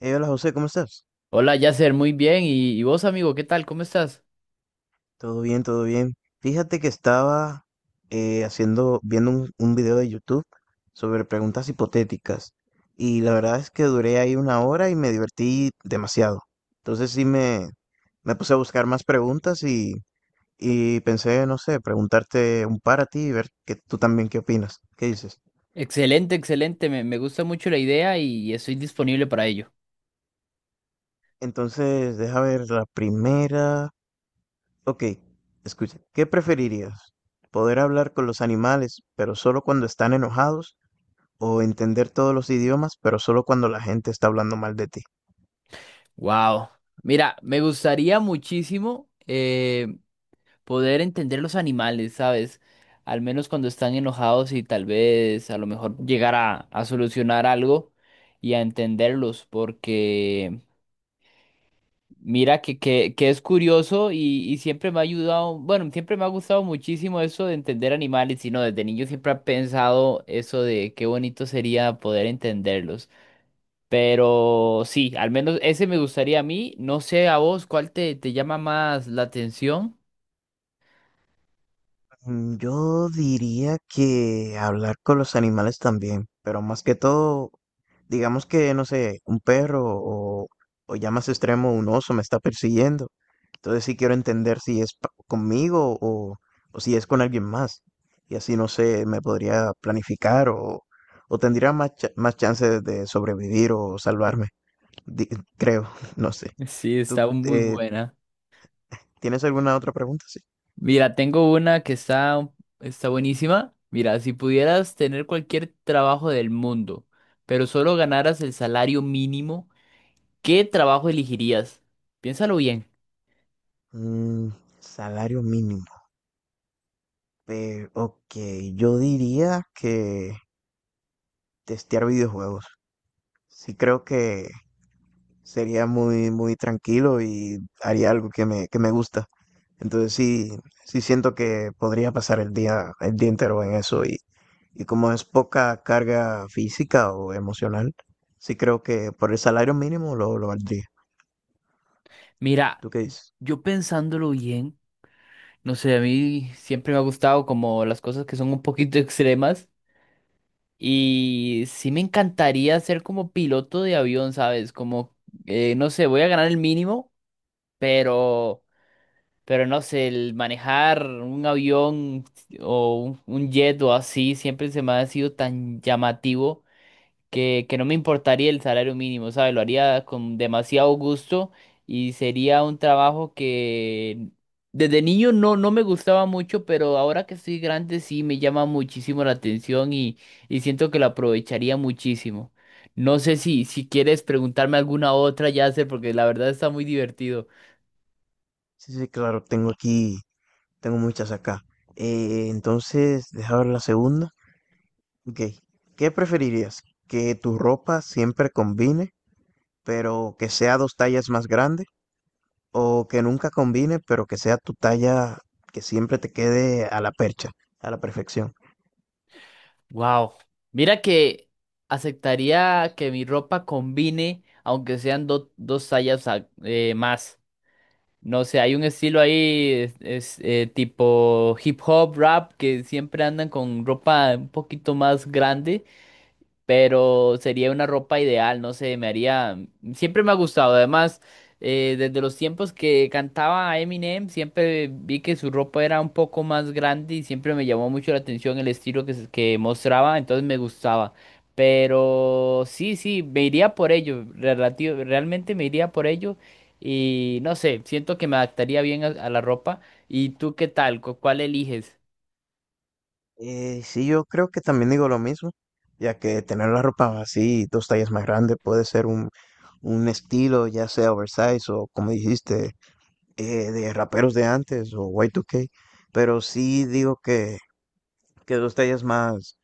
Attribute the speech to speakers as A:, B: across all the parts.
A: Hola José, ¿cómo estás?
B: Hola, Yasser, muy bien. ¿Y vos, amigo, qué tal? ¿Cómo estás?
A: Todo bien, todo bien. Fíjate que estaba viendo un video de YouTube sobre preguntas hipotéticas, y la verdad es que duré ahí una hora y me divertí demasiado. Entonces sí me puse a buscar más preguntas y pensé, no sé, preguntarte un par a ti y ver que tú también qué opinas, qué dices.
B: Excelente, excelente. Me gusta mucho la idea y estoy disponible para ello.
A: Entonces, deja ver la primera. Ok, escucha, ¿qué preferirías? ¿Poder hablar con los animales, pero solo cuando están enojados? ¿O entender todos los idiomas, pero solo cuando la gente está hablando mal de ti?
B: Wow. Mira, me gustaría muchísimo poder entender los animales, ¿sabes? Al menos cuando están enojados y tal vez a lo mejor llegar a solucionar algo y a entenderlos, porque mira que es curioso y siempre me ha ayudado, bueno, siempre me ha gustado muchísimo eso de entender animales, y no, desde niño siempre he pensado eso de qué bonito sería poder entenderlos. Pero sí, al menos ese me gustaría a mí. No sé a vos cuál te llama más la atención.
A: Yo diría que hablar con los animales también, pero más que todo, digamos que, no sé, un perro o ya más extremo, un oso me está persiguiendo. Entonces sí quiero entender si es conmigo o si es con alguien más. Y así, no sé, me podría planificar o tendría más chances de sobrevivir o salvarme, di- creo, no sé.
B: Sí,
A: ¿Tú
B: está muy buena.
A: tienes alguna otra pregunta? Sí.
B: Mira, tengo una que está buenísima. Mira, si pudieras tener cualquier trabajo del mundo, pero solo ganaras el salario mínimo. ¿Qué trabajo elegirías? Piénsalo bien.
A: Mm, Salario mínimo. Pero, ok, yo diría que testear videojuegos. Sí creo que sería muy, muy tranquilo y haría algo que me gusta. Entonces sí, sí siento que podría pasar el día entero en eso y como es poca carga física o emocional, sí creo que por el salario mínimo lo valdría.
B: Mira,
A: ¿Tú qué dices?
B: yo pensándolo bien, no sé, a mí siempre me ha gustado como las cosas que son un poquito extremas y sí me encantaría ser como piloto de avión, ¿sabes? Como, no sé, voy a ganar el mínimo, pero, pero no sé, el manejar un avión o un jet o así siempre se me ha sido tan llamativo, que no me importaría el salario mínimo, ¿sabes? Lo haría con demasiado gusto y sería un trabajo que desde niño no, no me gustaba mucho, pero ahora que estoy grande sí me llama muchísimo la atención y siento que lo aprovecharía muchísimo. No sé si quieres preguntarme alguna otra, ya sé, porque la verdad está muy divertido.
A: Sí, sí, claro, tengo aquí, tengo muchas acá. Entonces, deja ver la segunda. Ok, ¿qué preferirías? ¿Que tu ropa siempre combine, pero que sea dos tallas más grande? ¿O que nunca combine, pero que sea tu talla, que siempre te quede a la percha, a la perfección?
B: Wow. Mira que aceptaría que mi ropa combine, aunque sean dos tallas más. No sé, hay un estilo ahí, tipo hip hop, rap, que siempre andan con ropa un poquito más grande, pero sería una ropa ideal, no sé, me haría, siempre me ha gustado, además, desde los tiempos que cantaba Eminem, siempre vi que su ropa era un poco más grande y siempre me llamó mucho la atención el estilo que mostraba, entonces me gustaba, pero sí, sí, me iría por ello, relativo, realmente me iría por ello y no sé, siento que me adaptaría bien a la ropa y tú qué tal. ¿Cuál eliges?
A: Sí, yo creo que también digo lo mismo, ya que tener la ropa así, dos tallas más grande, puede ser un estilo, ya sea oversize o como dijiste, eh, de raperos de antes o Y2K, pero sí digo que dos tallas más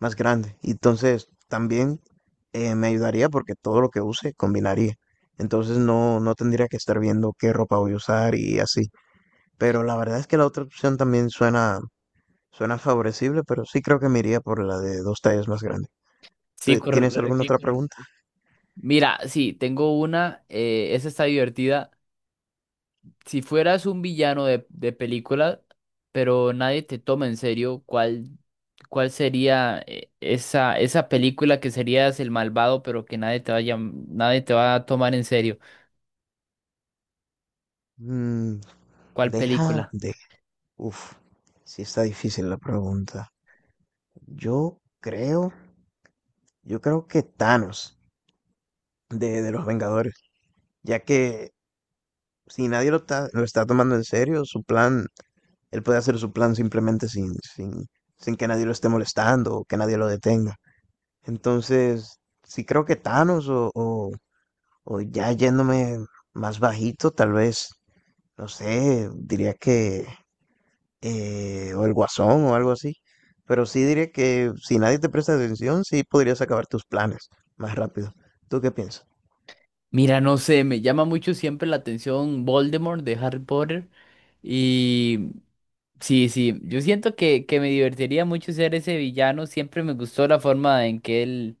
A: más grande. Y entonces también me ayudaría porque todo lo que use combinaría. Entonces no tendría que estar viendo qué ropa voy a usar y así. Pero la verdad es que la otra opción también suena favorecible, pero sí creo que me iría por la de dos tallas más grande.
B: Sí,
A: ¿Tú? ¿Tienes alguna? Sí, otra,
B: correcto.
A: claro. ¿Pregunta?
B: Mira, sí, tengo una, esa está divertida. Si fueras un villano de película, pero nadie te toma en serio, ¿cuál sería esa película que serías el malvado, pero que nadie te va a tomar en serio?
A: Mm,
B: ¿Cuál
A: Deja
B: película?
A: de. Uf, sí está difícil la pregunta. Yo creo, yo creo que Thanos de los Vengadores, ya que si nadie lo está tomando en serio, su plan, él puede hacer su plan simplemente sin que nadie lo esté molestando o que nadie lo detenga. Entonces, sí creo que Thanos o ya yéndome más bajito, tal vez, no sé, diría que, o el Guasón o algo así. Pero sí diría que si nadie te presta atención, sí podrías acabar tus planes más rápido. ¿Tú qué piensas?
B: Mira, no sé, me llama mucho siempre la atención Voldemort de Harry Potter y sí, sí, yo siento que me divertiría mucho ser ese villano, siempre me gustó la forma en que él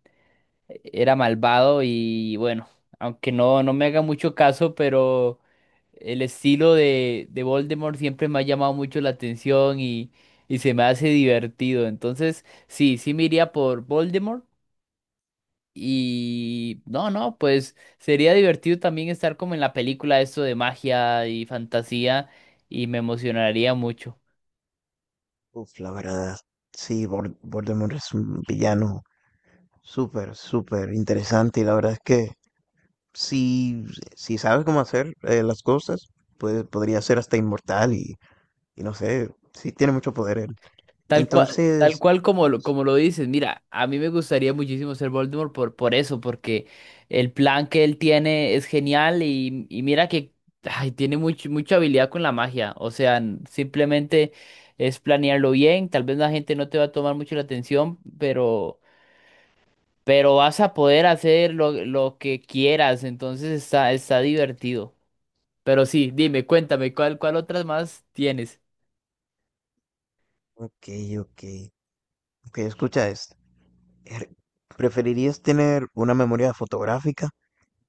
B: era malvado y bueno, aunque no, no me haga mucho caso, pero el estilo de Voldemort siempre me ha llamado mucho la atención y se me hace divertido. Entonces, sí, sí me iría por Voldemort y no, no, pues sería divertido también estar como en la película esto de magia y fantasía y me emocionaría mucho.
A: Uf, la verdad, sí, Voldemort es un villano súper, súper interesante. Y la verdad es que si, si sabes cómo hacer las cosas, pues podría ser hasta inmortal y no sé, sí tiene mucho poder él.
B: Tal
A: Entonces,
B: cual como lo dices, mira, a mí me gustaría muchísimo ser Voldemort por eso, porque el plan que él tiene es genial y mira que ay, tiene mucha habilidad con la magia, o sea, simplemente es planearlo bien, tal vez la gente no te va a tomar mucho la atención, pero vas a poder hacer lo que quieras, entonces está divertido. Pero sí, dime, cuéntame, ¿cuál otras más tienes?
A: ok, ok, ok, escucha esto. Er, ¿Preferirías tener una memoria fotográfica,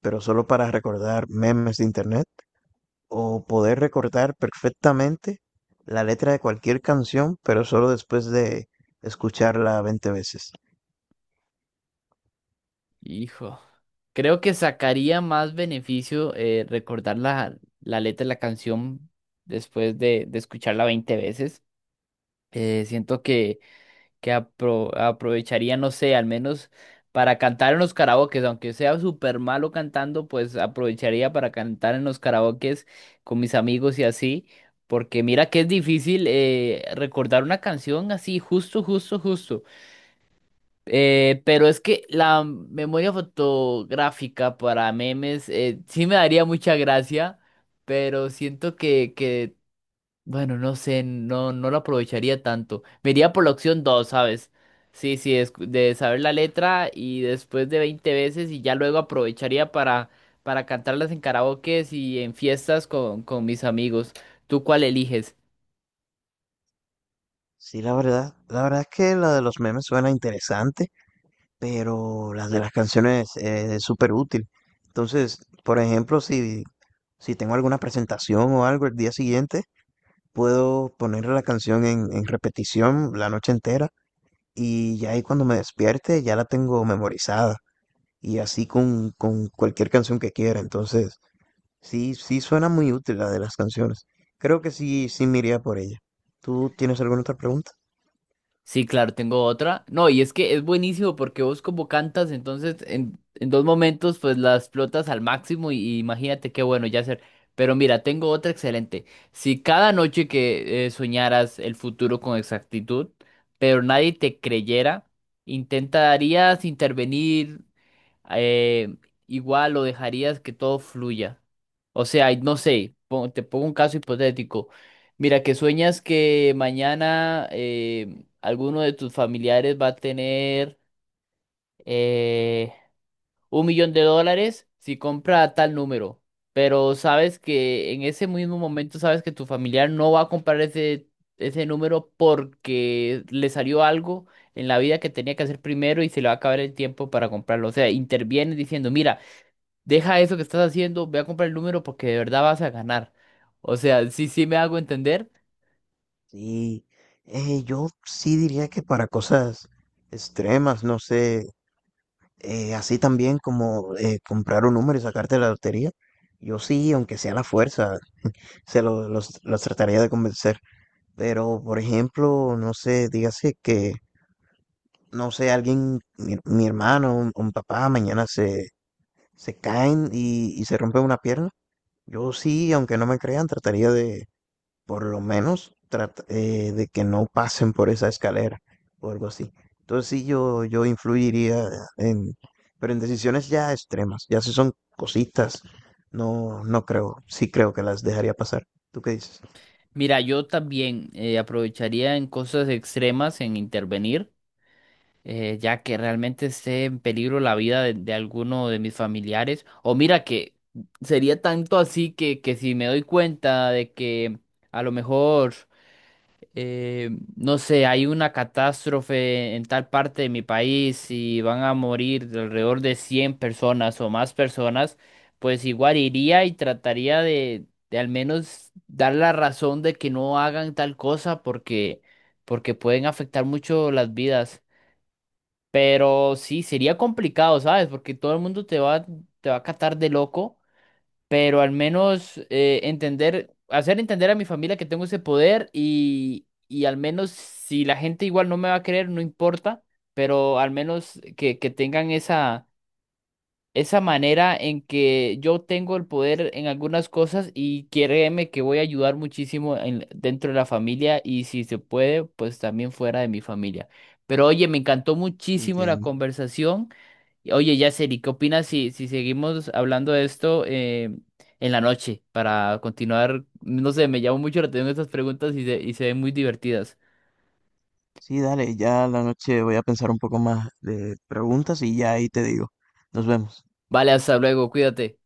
A: pero solo para recordar memes de internet? ¿O poder recordar perfectamente la letra de cualquier canción, pero solo después de escucharla 20 veces?
B: Hijo, creo que sacaría más beneficio recordar la letra de la canción después de escucharla 20 veces. Siento que aprovecharía, no sé, al menos para cantar en los karaokes, aunque sea súper malo cantando, pues aprovecharía para cantar en los karaokes con mis amigos y así, porque mira que es difícil recordar una canción así, justo, justo, justo. Pero es que la memoria fotográfica para memes sí me daría mucha gracia, pero siento que, bueno, no sé, no, no lo aprovecharía tanto. Me iría por la opción dos, ¿sabes? Sí, sí, es de saber la letra y después de 20 veces y ya luego aprovecharía para cantarlas en karaokes y en fiestas con mis amigos. ¿Tú cuál eliges?
A: Sí, la verdad es que la de los memes suena interesante, pero la de las canciones es súper útil. Entonces, por ejemplo, si tengo alguna presentación o algo el día siguiente, puedo poner la canción en repetición la noche entera, y ya ahí cuando me despierte ya la tengo memorizada y así con cualquier canción que quiera. Entonces, sí, sí suena muy útil la de las canciones. Creo que sí, sí me iría por ella. ¿Tú tienes alguna otra pregunta?
B: Sí, claro, tengo otra. No, y es que es buenísimo porque vos como cantas, entonces en dos momentos pues la explotas al máximo y imagínate qué bueno ya hacer. Pero mira, tengo otra excelente. Si cada noche que soñaras el futuro con exactitud, pero nadie te creyera, ¿intentarías intervenir eh, igual lo dejarías que todo fluya? O sea, y no sé, te pongo un caso hipotético. Mira, que sueñas que mañana alguno de tus familiares va a tener eh, $1 millón si compra tal número, pero sabes que en ese mismo momento sabes que tu familiar no va a comprar ese número porque le salió algo en la vida que tenía que hacer primero y se le va a acabar el tiempo para comprarlo. O sea, interviene diciendo, mira, deja eso que estás haciendo, ve a comprar el número porque de verdad vas a ganar. O sea, sí, sí me hago entender.
A: Sí, yo sí diría que para cosas extremas, no sé, así también como comprar un número y sacarte la lotería, yo sí, aunque sea a la fuerza, los trataría de convencer. Pero, por ejemplo, no sé, dígase que, no sé, alguien, mi hermano, un papá, mañana se caen y se rompe una pierna. Yo sí, aunque no me crean, trataría por lo menos de que no pasen por esa escalera o algo así. Entonces sí, yo influiría en, pero en decisiones ya extremas, ya si son cositas, no creo, sí creo que las dejaría pasar. ¿Tú qué dices?
B: Mira, yo también aprovecharía en cosas extremas en intervenir, ya que realmente esté en peligro la vida de alguno de mis familiares. O mira que sería tanto así que si me doy cuenta de que a lo mejor eh, no sé, hay una catástrofe en tal parte de mi país y van a morir de alrededor de 100 personas o más personas, pues igual iría y trataría de al menos dar la razón de que no hagan tal cosa porque pueden afectar mucho las vidas. Pero sí, sería complicado, ¿sabes? Porque todo el mundo te va a catar de loco, pero al menos entender, hacer entender a mi familia que tengo ese poder y al menos si la gente igual no me va a creer, no importa, pero al menos que tengan esa manera en que yo tengo el poder en algunas cosas y créeme que voy a ayudar muchísimo dentro de la familia y si se puede, pues también fuera de mi familia. Pero oye, me encantó muchísimo la
A: Entiendo.
B: conversación. Oye, Yaceli, ¿qué opinas si seguimos hablando de esto en la noche para continuar? No sé, me llamó mucho la atención estas preguntas y se ven muy divertidas.
A: Sí, dale, ya la noche voy a pensar un poco más de preguntas y ya ahí te digo. Nos vemos.
B: Vale, hasta luego, cuídate.